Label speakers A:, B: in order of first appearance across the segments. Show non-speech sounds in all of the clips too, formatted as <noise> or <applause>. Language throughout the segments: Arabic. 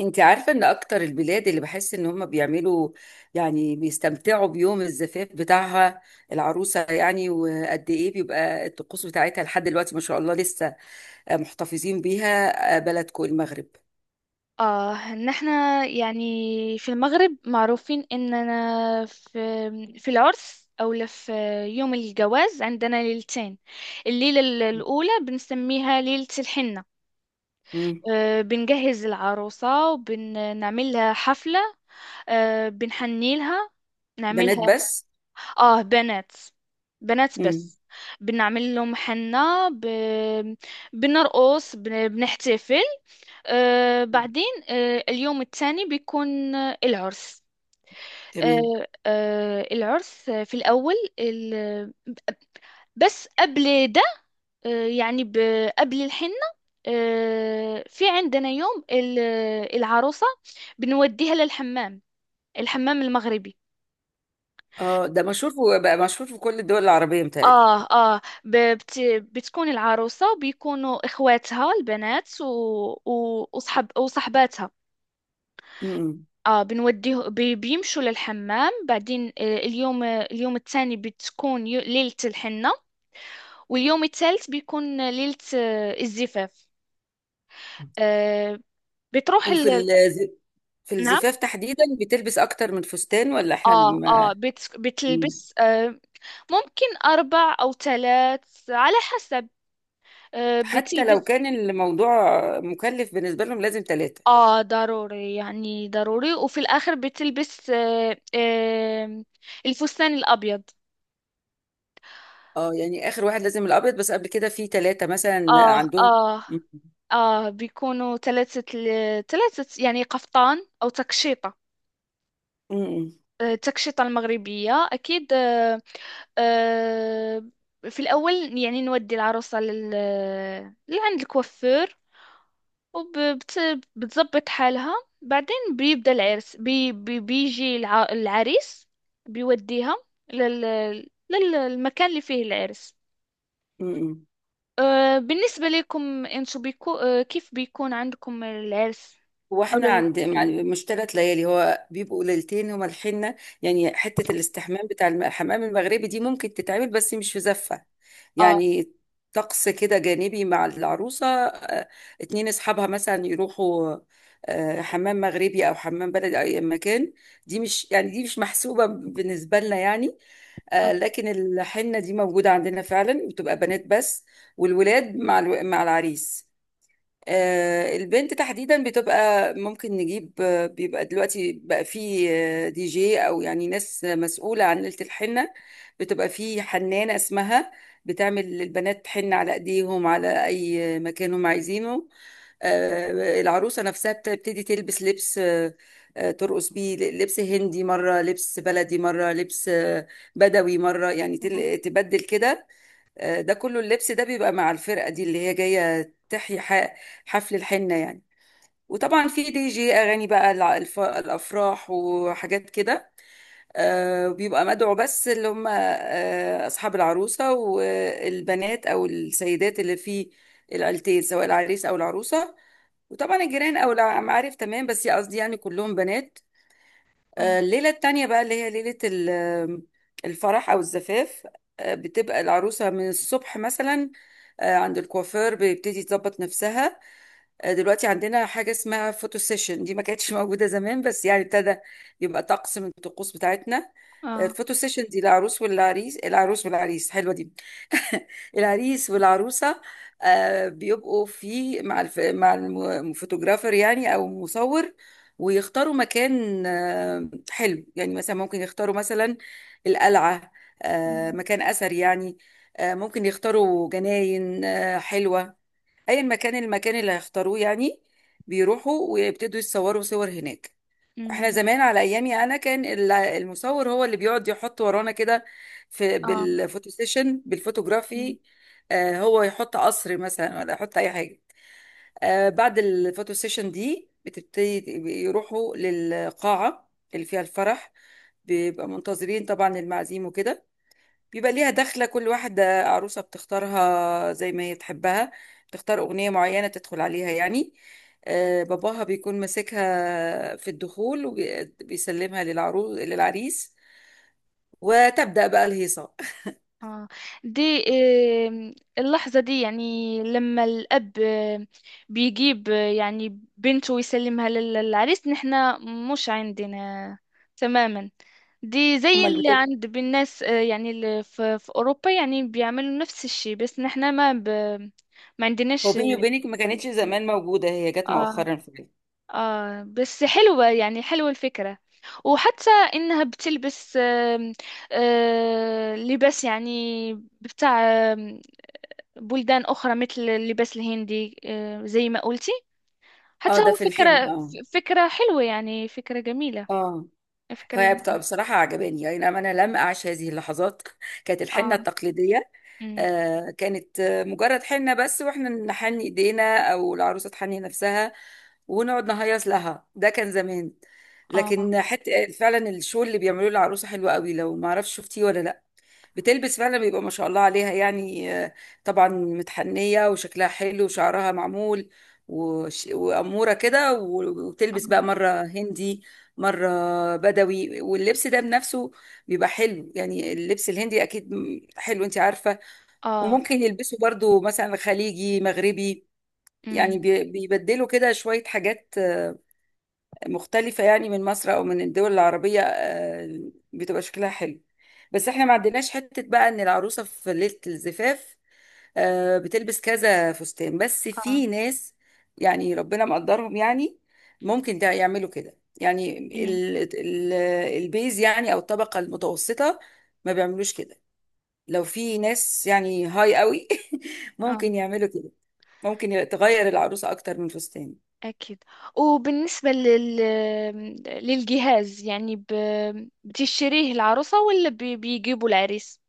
A: انت عارفة ان اكتر البلاد اللي بحس ان هم بيعملوا يعني بيستمتعوا بيوم الزفاف بتاعها العروسة يعني وقد ايه بيبقى الطقوس بتاعتها لحد دلوقتي ما شاء الله لسه محتفظين بيها بلدكم المغرب؟
B: اه ان احنا يعني في المغرب معروفين اننا في العرس او لا في يوم الجواز، عندنا ليلتين. الليلة الاولى بنسميها ليلة الحنة.
A: مم.
B: بنجهز العروسة وبنعمل لها حفلة. بنحني لها
A: بنات
B: نعملها.
A: بس.
B: اه، بنات. بنات
A: مم.
B: بس. بنعمل لهم حنة بنرقص بنحتفل. بعدين، اليوم الثاني بيكون العرس.
A: تمام.
B: العرس، بس قبل ده، يعني قبل الحنة. في عندنا يوم العروسة، بنوديها للحمام، الحمام المغربي.
A: اه، ده مشهور بقى مشهور في كل الدول العربية متهيألي.
B: اه، اه، ب- بت بتكون العروسة وبيكونوا اخواتها البنات و... و... وصحب وصحباتها.
A: مم.
B: اه، بنوديه بيمشوا للحمام. بعدين اليوم الثاني بتكون ليلة الحنة، واليوم الثالث بيكون ليلة الزفاف. آه، بتروح
A: وفي ال- في
B: نعم.
A: الزفاف تحديدا بتلبس اكتر من فستان ولا احنا؟
B: اه، اه،
A: مم.
B: بتلبس، ممكن أربع أو ثلاث على حسب.
A: حتى لو
B: بتلبس.
A: كان الموضوع مكلف بالنسبة لهم لازم ثلاثة.
B: اه، ضروري يعني ضروري، وفي الآخر بتلبس الفستان الأبيض.
A: اه، يعني آخر واحد لازم الأبيض، بس قبل كده في ثلاثة مثلا
B: اه،
A: عندهم.
B: اه،
A: م-
B: اه، بيكونوا ثلاثة. ثلاثة يعني قفطان او تكشيطة.
A: م-
B: التكشيطة المغربية أكيد. آه، في الأول يعني نودي العروسة لعند الكوافير، وبتظبط حالها. بعدين بيبدأ العرس بيجي العريس، بيوديها لل... للمكان اللي فيه العرس.
A: م- م-
B: بالنسبة لكم انتو بيكو... آه، كيف بيكون عندكم العرس؟
A: هو احنا
B: أولى
A: عند
B: للارتفاع.
A: يعني مش 3 ليالي، هو بيبقوا ليلتين هما الحنة. يعني حتة الاستحمام بتاع الحمام المغربي دي ممكن تتعمل بس مش في زفة.
B: اه،
A: يعني طقس كده جانبي مع العروسة، اتنين اصحابها مثلا يروحوا حمام مغربي او حمام بلدي او اي مكان. دي مش محسوبة بالنسبة لنا يعني.
B: اه،
A: لكن الحنة دي موجودة عندنا فعلا بتبقى بنات بس. والولاد مع العريس. البنت تحديدا بتبقى ممكن نجيب، بيبقى دلوقتي بقى فيه دي جي او يعني ناس مسؤولة عن ليلة الحنة. بتبقى فيه حنانة اسمها بتعمل للبنات حنة على ايديهم على اي مكان هم عايزينه. العروسة نفسها بتبتدي تلبس لبس ترقص بيه لبس هندي مرة، لبس بلدي مرة، لبس بدوي مرة، يعني
B: اه،
A: تبدل كده. ده كله اللبس ده بيبقى مع الفرقة دي اللي هي جاية تحيي حفل الحنة يعني. وطبعا في دي جي أغاني بقى الأفراح وحاجات كده. بيبقى مدعو بس اللي هم أصحاب العروسة والبنات أو السيدات اللي في العيلتين سواء العريس أو العروسة. وطبعا الجيران أو المعارف تمام، بس قصدي يعني كلهم بنات.
B: اه،
A: الليلة التانية بقى اللي هي ليلة الفرح أو الزفاف. بتبقى العروسة من الصبح مثلا، عند الكوافير بيبتدي تظبط نفسها. دلوقتي عندنا حاجة اسمها فوتو سيشن، دي ما كانتش <laughs> موجودة زمان بس يعني ابتدى يبقى طقس من الطقوس بتاعتنا.
B: آه.
A: الفوتو سيشن دي العروس والعريس حلوة دي، العريس والعروسة. بيبقوا في مع مع الفوتوغرافر يعني أو مصور. ويختاروا مكان حلو، يعني مثلا ممكن يختاروا مثلا القلعة،
B: أمم،
A: مكان أثر يعني. ممكن يختاروا جناين حلوة، أي مكان المكان اللي هيختاروه يعني، بيروحوا ويبتدوا يتصوروا صور هناك. احنا
B: أمم،
A: زمان على ايامي انا كان المصور هو اللي بيقعد يحط ورانا كده في
B: اه،
A: بالفوتو سيشن
B: أمم،
A: بالفوتوغرافي. هو يحط قصر مثلا ولا يحط اي حاجه. بعد الفوتو سيشن دي بتبتدي يروحوا للقاعه اللي فيها الفرح، بيبقى منتظرين طبعا المعازيم وكده. بيبقى ليها دخلة، كل واحدة عروسة بتختارها زي ما هي تحبها، تختار أغنية معينة تدخل عليها يعني. باباها بيكون ماسكها في الدخول وبيسلمها للعريس، وتبدأ بقى الهيصة.
B: اه، دي. اللحظة دي يعني لما الأب بيجيب، يعني بنته ويسلمها للعريس. نحنا مش عندنا تماما. دي
A: <laughs>
B: زي
A: أمال
B: اللي
A: بتبقى.
B: عند بالناس، يعني اللي في أوروبا، يعني بيعملوا نفس الشيء، بس نحنا ما
A: هو
B: عندناش.
A: بيني وبينك، ما كانتش زمان موجودة، هي جت
B: آه،
A: مؤخرا في.
B: بس حلوة يعني، حلوة الفكرة. وحتى إنها بتلبس، لباس يعني بتاع آم، بلدان أخرى، مثل اللباس الهندي، زي ما قلتي.
A: اه،
B: حتى
A: ده
B: هو
A: في
B: فكرة
A: الحلم، اه.
B: فكرة حلوة يعني، فكرة جميلة
A: اه.
B: فكرة.
A: هي بصراحة عجباني يعني، أنا لم أعش هذه اللحظات. <laughs> كانت الحنة
B: آه
A: التقليدية.
B: أمم،
A: كانت مجرد حنة بس، واحنا نحن ايدينا او العروسة تحني نفسها ونقعد نهيص لها، ده كان زمان.
B: آه،
A: لكن حتى فعلا الشغل اللي بيعملوه العروسة حلو قوي، لو ما اعرفش، شفتيه ولا لا؟ بتلبس فعلا بيبقى ما شاء الله عليها يعني، طبعا متحنية وشكلها حلو وشعرها معمول وأمورة كده وتلبس بقى
B: آه،
A: مرة هندي، مرة بدوي، واللبس ده بنفسه بيبقى حلو، يعني اللبس الهندي أكيد حلو أنت عارفة.
B: آه،
A: وممكن يلبسوا برضو مثلا خليجي مغربي،
B: أمم،
A: يعني بيبدلوا كده شوية حاجات مختلفة يعني، من مصر أو من الدول العربية، بتبقى شكلها حلو. بس احنا ما عندناش حتة بقى إن العروسة في ليلة الزفاف بتلبس كذا فستان، بس
B: آه،
A: في ناس يعني ربنا مقدرهم يعني، ممكن ده يعملوا كده يعني.
B: أمم،
A: ال ال البيز يعني أو الطبقة المتوسطة ما بيعملوش كده، لو في ناس يعني هاي قوي <laughs>
B: آه،
A: ممكن يعملوا كده، ممكن تغير العروسة أكتر من فستان.
B: أكيد. وبالنسبة للجهاز، يعني بتشتريه العروسة ولا بيجيبوا العريس؟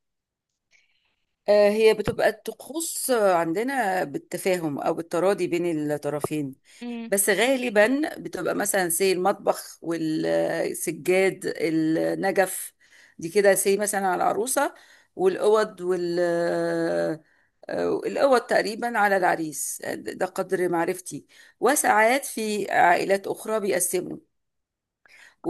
A: هي بتبقى الطقوس عندنا بالتفاهم أو بالتراضي بين الطرفين،
B: امم،
A: بس غالبا بتبقى مثلا زي المطبخ والسجاد النجف، دي كده زي مثلا على العروسة، والأوض وال آه، الأوض تقريبا على العريس، ده قدر معرفتي. وساعات في عائلات أخرى بيقسموا،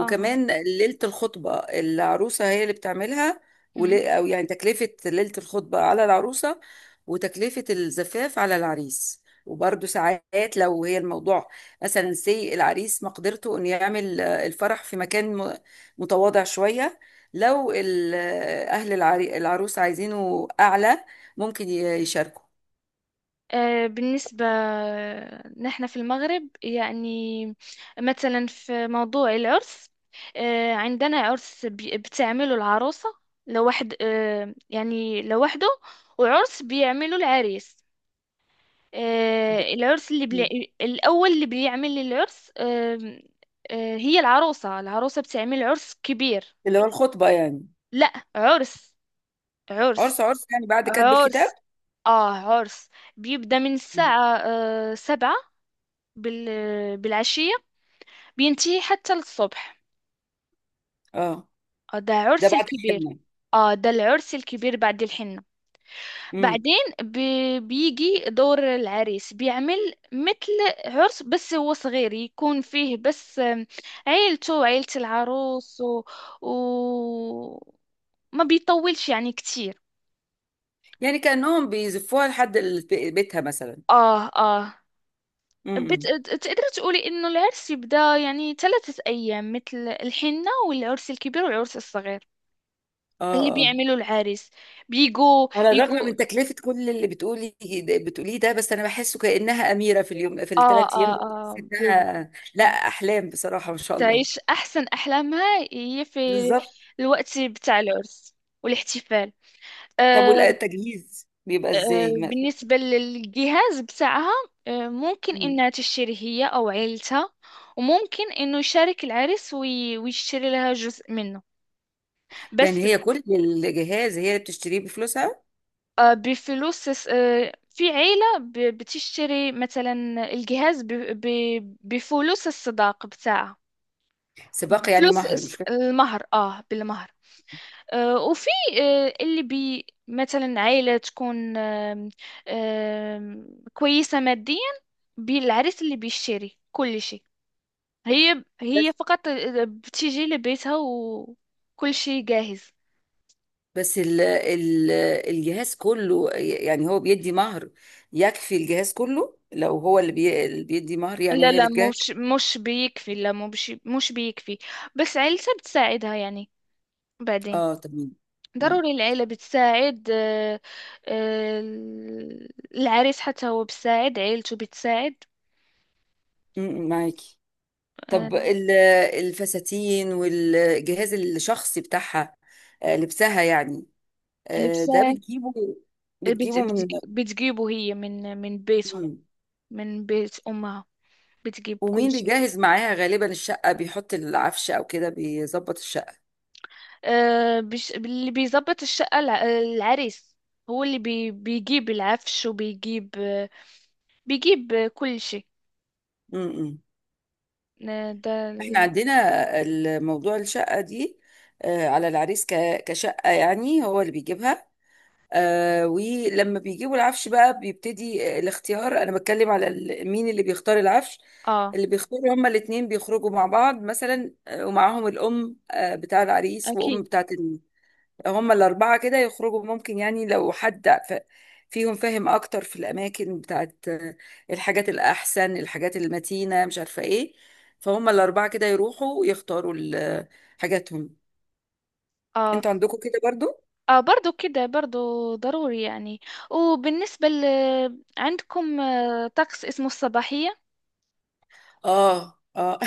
B: آه،
A: ليلة الخطبة العروسة هي اللي بتعملها،
B: امم.
A: أو يعني تكلفة ليلة الخطبة على العروسة وتكلفة الزفاف على العريس. وبرضه ساعات لو هي الموضوع مثلا سي العريس مقدرته انه يعمل الفرح في مكان متواضع شوية، لو أهل العروس عايزينه أعلى ممكن يشاركوا.
B: بالنسبة نحن في المغرب، يعني مثلا في موضوع العرس، عندنا عرس بتعمله العروسة لوحد، يعني لوحده، وعرس بيعمله العريس.
A: ده-
B: العرس اللي
A: مم.
B: الأول اللي بيعمل العرس، هي العروسة بتعمل عرس كبير.
A: اللي هو الخطبة يعني؟
B: لا، عرس،
A: عرس،
B: عرس،
A: عرس، يعني بعد كتب الكتاب.
B: عرس، اه عرس. بيبدأ من
A: مم.
B: الساعة 7 بال... بالعشية، بينتهي حتى للصبح.
A: اه،
B: ده
A: ده
B: عرس
A: بعد
B: الكبير.
A: الحنة.
B: اه، ده العرس الكبير بعد الحنة. بعدين بيجي دور العريس، بيعمل مثل عرس بس هو صغير، يكون فيه بس عيلته وعيلة العروس و... ما بيطولش يعني كتير.
A: يعني كأنهم بيزفوها لحد بيتها مثلا.
B: اه، اه، بت...
A: امم.
B: تقدر تقولي انه العرس يبدأ يعني 3 ايام، مثل الحنة والعرس الكبير والعرس الصغير اللي
A: اه، اه.
B: بيعملوا العريس. بيجوا
A: على الرغم
B: يجوا.
A: من تكلفة كل اللي بتقوليه ده، بس أنا بحسه كأنها أميرة، في
B: اه،
A: الثلاث أيام
B: اه،
A: دول بحس
B: اه،
A: إنها لا أحلام، بصراحة ما شاء الله.
B: تعيش أحسن أحلامها هي في
A: بالظبط.
B: الوقت بتاع العرس والاحتفال.
A: طب
B: أه.
A: والتجهيز بيبقى
B: أه،
A: إزاي؟
B: بالنسبة للجهاز بتاعها، أه ممكن
A: مم.
B: إنها تشتري هي أو عيلتها، وممكن إنه يشارك العريس ويشتري لها جزء منه بس.
A: يعني هي كل الجهاز هي اللي بتشتريه بفلوسها؟
B: أه، بفلوس. أه، في عيلة بتشتري مثلا الجهاز بفلوس الصداقة بتاعها،
A: سباق يعني
B: فلوس
A: مهر، مش
B: المهر، اه بالمهر. وفي اللي بي مثلا عائلة تكون آم، آم، كويسة ماديا، بالعريس اللي بيشتري كل شيء، هي
A: كده؟
B: فقط بتيجي لبيتها وكل شيء جاهز.
A: بس ال ال الجهاز كله يعني هو بيدي مهر، يكفي الجهاز كله لو هو اللي بيدي مهر يعني؟
B: لا،
A: وهي
B: لا،
A: اللي تجاهد.
B: مش بيكفي، لا، مش بيكفي، بس عيلتها بتساعدها يعني. بعدين
A: اه، تمام. م-
B: ضروري العيلة بتساعد. آه، العريس حتى هو بتساعد عيلته، بتساعد.
A: معاكي. طب
B: آه،
A: الفساتين والجهاز الشخصي بتاعها، لبسها يعني،
B: اللي
A: ده
B: بتساعد،
A: بتجيبه بتجيبه من.
B: بتجيبه هي من بيتهم،
A: م.
B: من بيت أمها، بتجيب كل
A: ومين
B: شيء.
A: بيجهز معاها غالبا الشقة؟ بيحط العفش او كده بيظبط الشقة.
B: أه، اللي بيظبط الشقة العريس، هو اللي بيجيب العفش وبيجيب، آه، بيجيب آه، كل شيء.
A: م- م.
B: آه، ده
A: احنا
B: ال-
A: عندنا الموضوع الشقة دي على العريس كشقة يعني، هو اللي بيجيبها. ولما بيجيبوا العفش بقى بيبتدي الاختيار، انا بتكلم على مين اللي بيختار العفش.
B: اه،
A: اللي بيختاروا هما الاتنين بيخرجوا مع بعض مثلا، ومعاهم الأم بتاع العريس وأم
B: اكيد.
A: بتاعة، هما الأربعة كده يخرجوا. ممكن يعني لو حد فيهم فاهم أكتر في الأماكن بتاعت الحاجات الأحسن، الحاجات المتينة، مش عارفة إيه، فهم الأربعة كده يروحوا يختاروا حاجاتهم.
B: اه،
A: أنتوا عندكم كده برضو؟
B: اه، برضو كده، برضو ضروري يعني. وبالنسبة عندكم طقس اسمه الصباحية؟
A: اه، اه.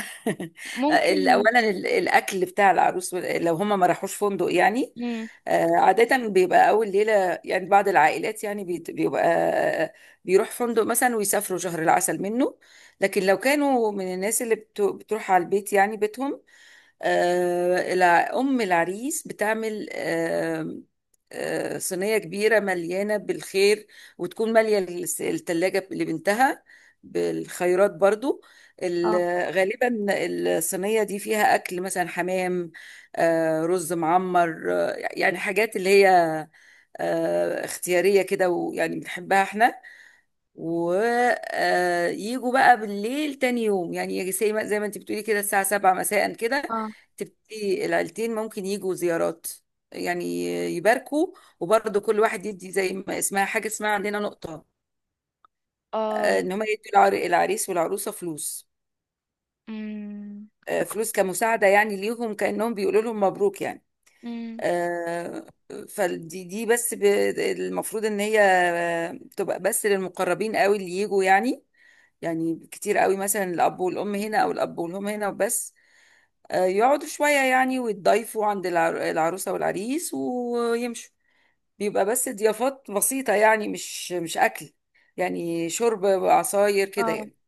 A: <laughs>
B: ممكن.
A: اولا الاكل بتاع العروس، لو هم ما راحوش فندق يعني.
B: مم.
A: عادة بيبقى أول ليلة، يعني بعض العائلات يعني بيبقى آه، بيروح فندق مثلا ويسافروا شهر العسل منه. لكن لو كانوا من الناس اللي بتروح على البيت يعني بيتهم، أم العريس بتعمل صينية كبيرة مليانة بالخير، وتكون مالية التلاجة لبنتها بالخيرات برضو. ال-
B: اه،
A: غالبا الصينية دي فيها أكل مثلا حمام، رز معمر، يعني حاجات اللي هي اختيارية كده ويعني بنحبها احنا. ويجوا بقى بالليل تاني يوم، يعني يجي زي ما انت بتقولي كده الساعة 7 مساء كده،
B: اه،
A: تبتدي العيلتين ممكن يجوا زيارات يعني يباركوا. وبرضه كل واحد يدي زي ما اسمها، حاجة اسمها عندنا نقطة،
B: اه.
A: ان هم يدوا العريس والعروسة فلوس،
B: مم.
A: فلوس كمساعدة يعني ليهم كأنهم بيقولوا لهم مبروك يعني.
B: مم.
A: آه، فدي بس المفروض ان هي تبقى بس للمقربين قوي اللي يجوا يعني، يعني كتير قوي مثلا الاب والام هنا او الاب والام هنا وبس. يقعدوا شوية يعني ويتضايفوا عند العروسة والعريس ويمشوا. بيبقى بس ضيافات بسيطة، يعني مش أكل، يعني شرب عصاير كده
B: اه.
A: يعني.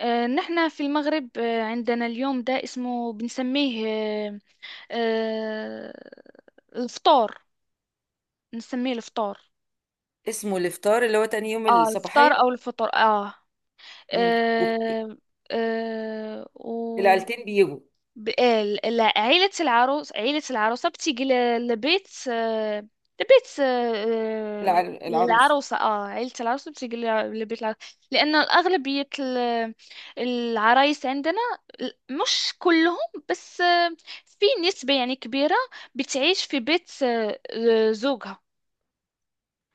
B: نحنا في المغرب، عندنا اليوم ده اسمه، بنسميه آه، الفطار، بنسميه الفطار.
A: اسمه الإفطار اللي هو تاني يوم
B: اه، الفطار او
A: الصباحية.
B: الفطر، اه،
A: مم. وب-
B: آه. آه و
A: العيلتين بيجوا
B: عيلة العروسة بتيجي لبيت، لبيت آه، آه،
A: العروس.
B: العروسة. اه، عيلة العروسة بتيجي لبيت العروسة، لأن أغلبية العرايس عندنا، مش كلهم، بس في نسبة يعني كبيرة بتعيش في بيت زوجها.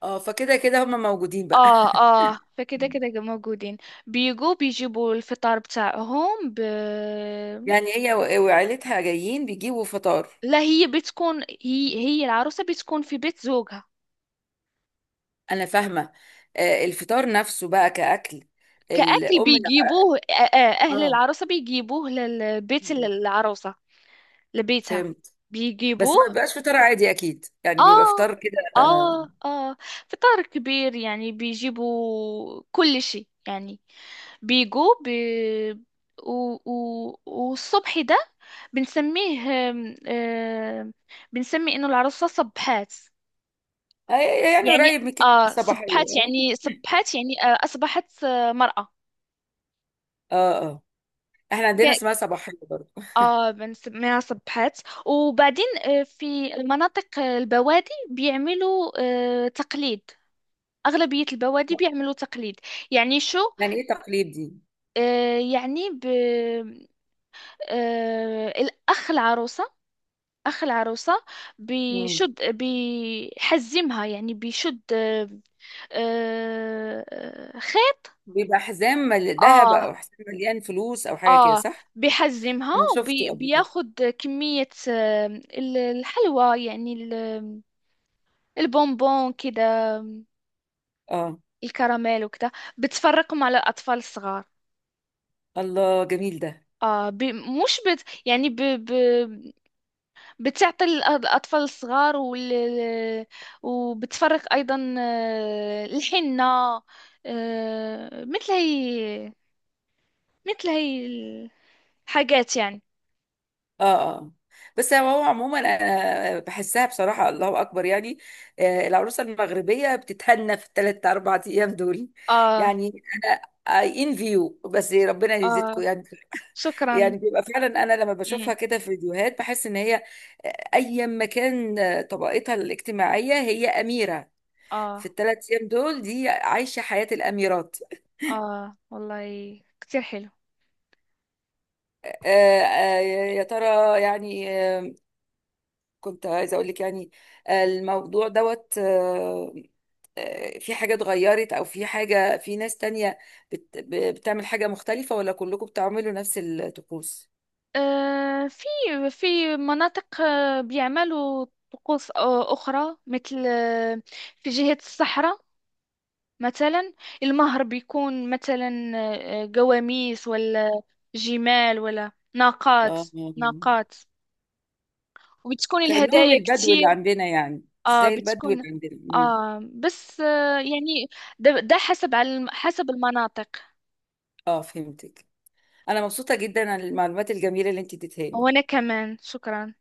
A: اه، فكده كده هما موجودين بقى.
B: اه، اه، فكده كده
A: <laughs>
B: موجودين. بيجوا بيجيبوا الفطار بتاعهم
A: يعني هي وعيلتها جايين بيجيبوا فطار.
B: لا، هي بتكون، هي العروسة بتكون في بيت زوجها.
A: انا فاهمه. الفطار نفسه بقى كاكل
B: كأكل
A: الام لا.
B: بيجيبوه، أهل
A: اه،
B: العروسة بيجيبوه للبيت العروسة، لبيتها
A: فهمت.
B: بيجيبوه.
A: بس ما بيبقاش فطار عادي اكيد، يعني بيبقى
B: آه
A: فطار كده
B: آه آه فطار كبير يعني، بيجيبوا كل شيء يعني. بيجوا و... والصبح ده بنسميه آم، آم، بنسمي إنه العروسة صبحات،
A: آه، يعني
B: يعني
A: قريب من كده الصباحيه،
B: صبحت
A: اه.
B: يعني، صبحت يعني أصبحت مرأة.
A: اه، آه. احنا عندنا
B: ك-
A: اسمها صباحيه برضه.
B: بنسميها صبحت. وبعدين في مناطق البوادي بيعملوا تقليد، أغلبية البوادي بيعملوا تقليد، يعني شو؟
A: يعني ايه تقليد دي؟
B: آه يعني ب آه الأخ العروسة، أخ العروسة
A: مم.
B: بيشد، بيحزمها يعني، بيشد، خيط.
A: بيبقى حزام ذهب،
B: اه،
A: او حزام مليان فلوس، او حاجه كده،
B: اه،
A: صح؟
B: بيحجمها
A: انا شفته قبل كده.
B: وبياخد كمية، الحلوى، يعني البونبون كده، آم،
A: اه.
B: الكراميل وكده، بتفرقهم على الأطفال الصغار.
A: الله، جميل ده.
B: اه، ب... مش بت... يعني بتعطي الأطفال الصغار وبتفرق أيضا الحنة، مثل هي، مثل هي الحاجات يعني.
A: اه، اه. بس هو عموما، انا بحسها بصراحه، الله اكبر يعني. العروسه المغربيه بتتهنى في ال3-4 ايام دول
B: اه،
A: يعني. انا، اي ان فيو، بس ربنا يزيدكم
B: اه،
A: يعني.
B: شكرا.
A: يعني بيبقى فعلا، انا لما
B: مم.
A: بشوفها كده في فيديوهات بحس ان هي ايا ما كان طبقتها الاجتماعيه هي اميره، في
B: اه،
A: ال3 ايام دول دي عايشه حياه الاميرات.
B: اه، والله كتير حلو.
A: آه، آه، يا ترى يعني كنت عايزه اقول لك يعني، الموضوع دوت في حاجة اتغيرت أو في حاجة في ناس تانية بتعمل حاجة مختلفة ولا كلكم بتعملوا نفس الطقوس؟
B: آه في في مناطق بيعملوا طقوس أخرى، مثل آه، في جهة الصحراء مثلا المهر بيكون مثلا قواميس، ولا جمال، ولا ناقات.
A: اه،
B: ناقات، وبتكون
A: كأنهم
B: الهدايا
A: البدو اللي
B: كتير.
A: عندنا يعني،
B: اه،
A: زي البدو اللي
B: بتكون.
A: عندنا. مم.
B: اه، بس يعني، ده حسب على حسب المناطق.
A: اه، فهمتك، أنا مبسوطة جدا عن المعلومات الجميلة اللي انت اديتها
B: وأنا
A: لي.
B: كمان، شكرا.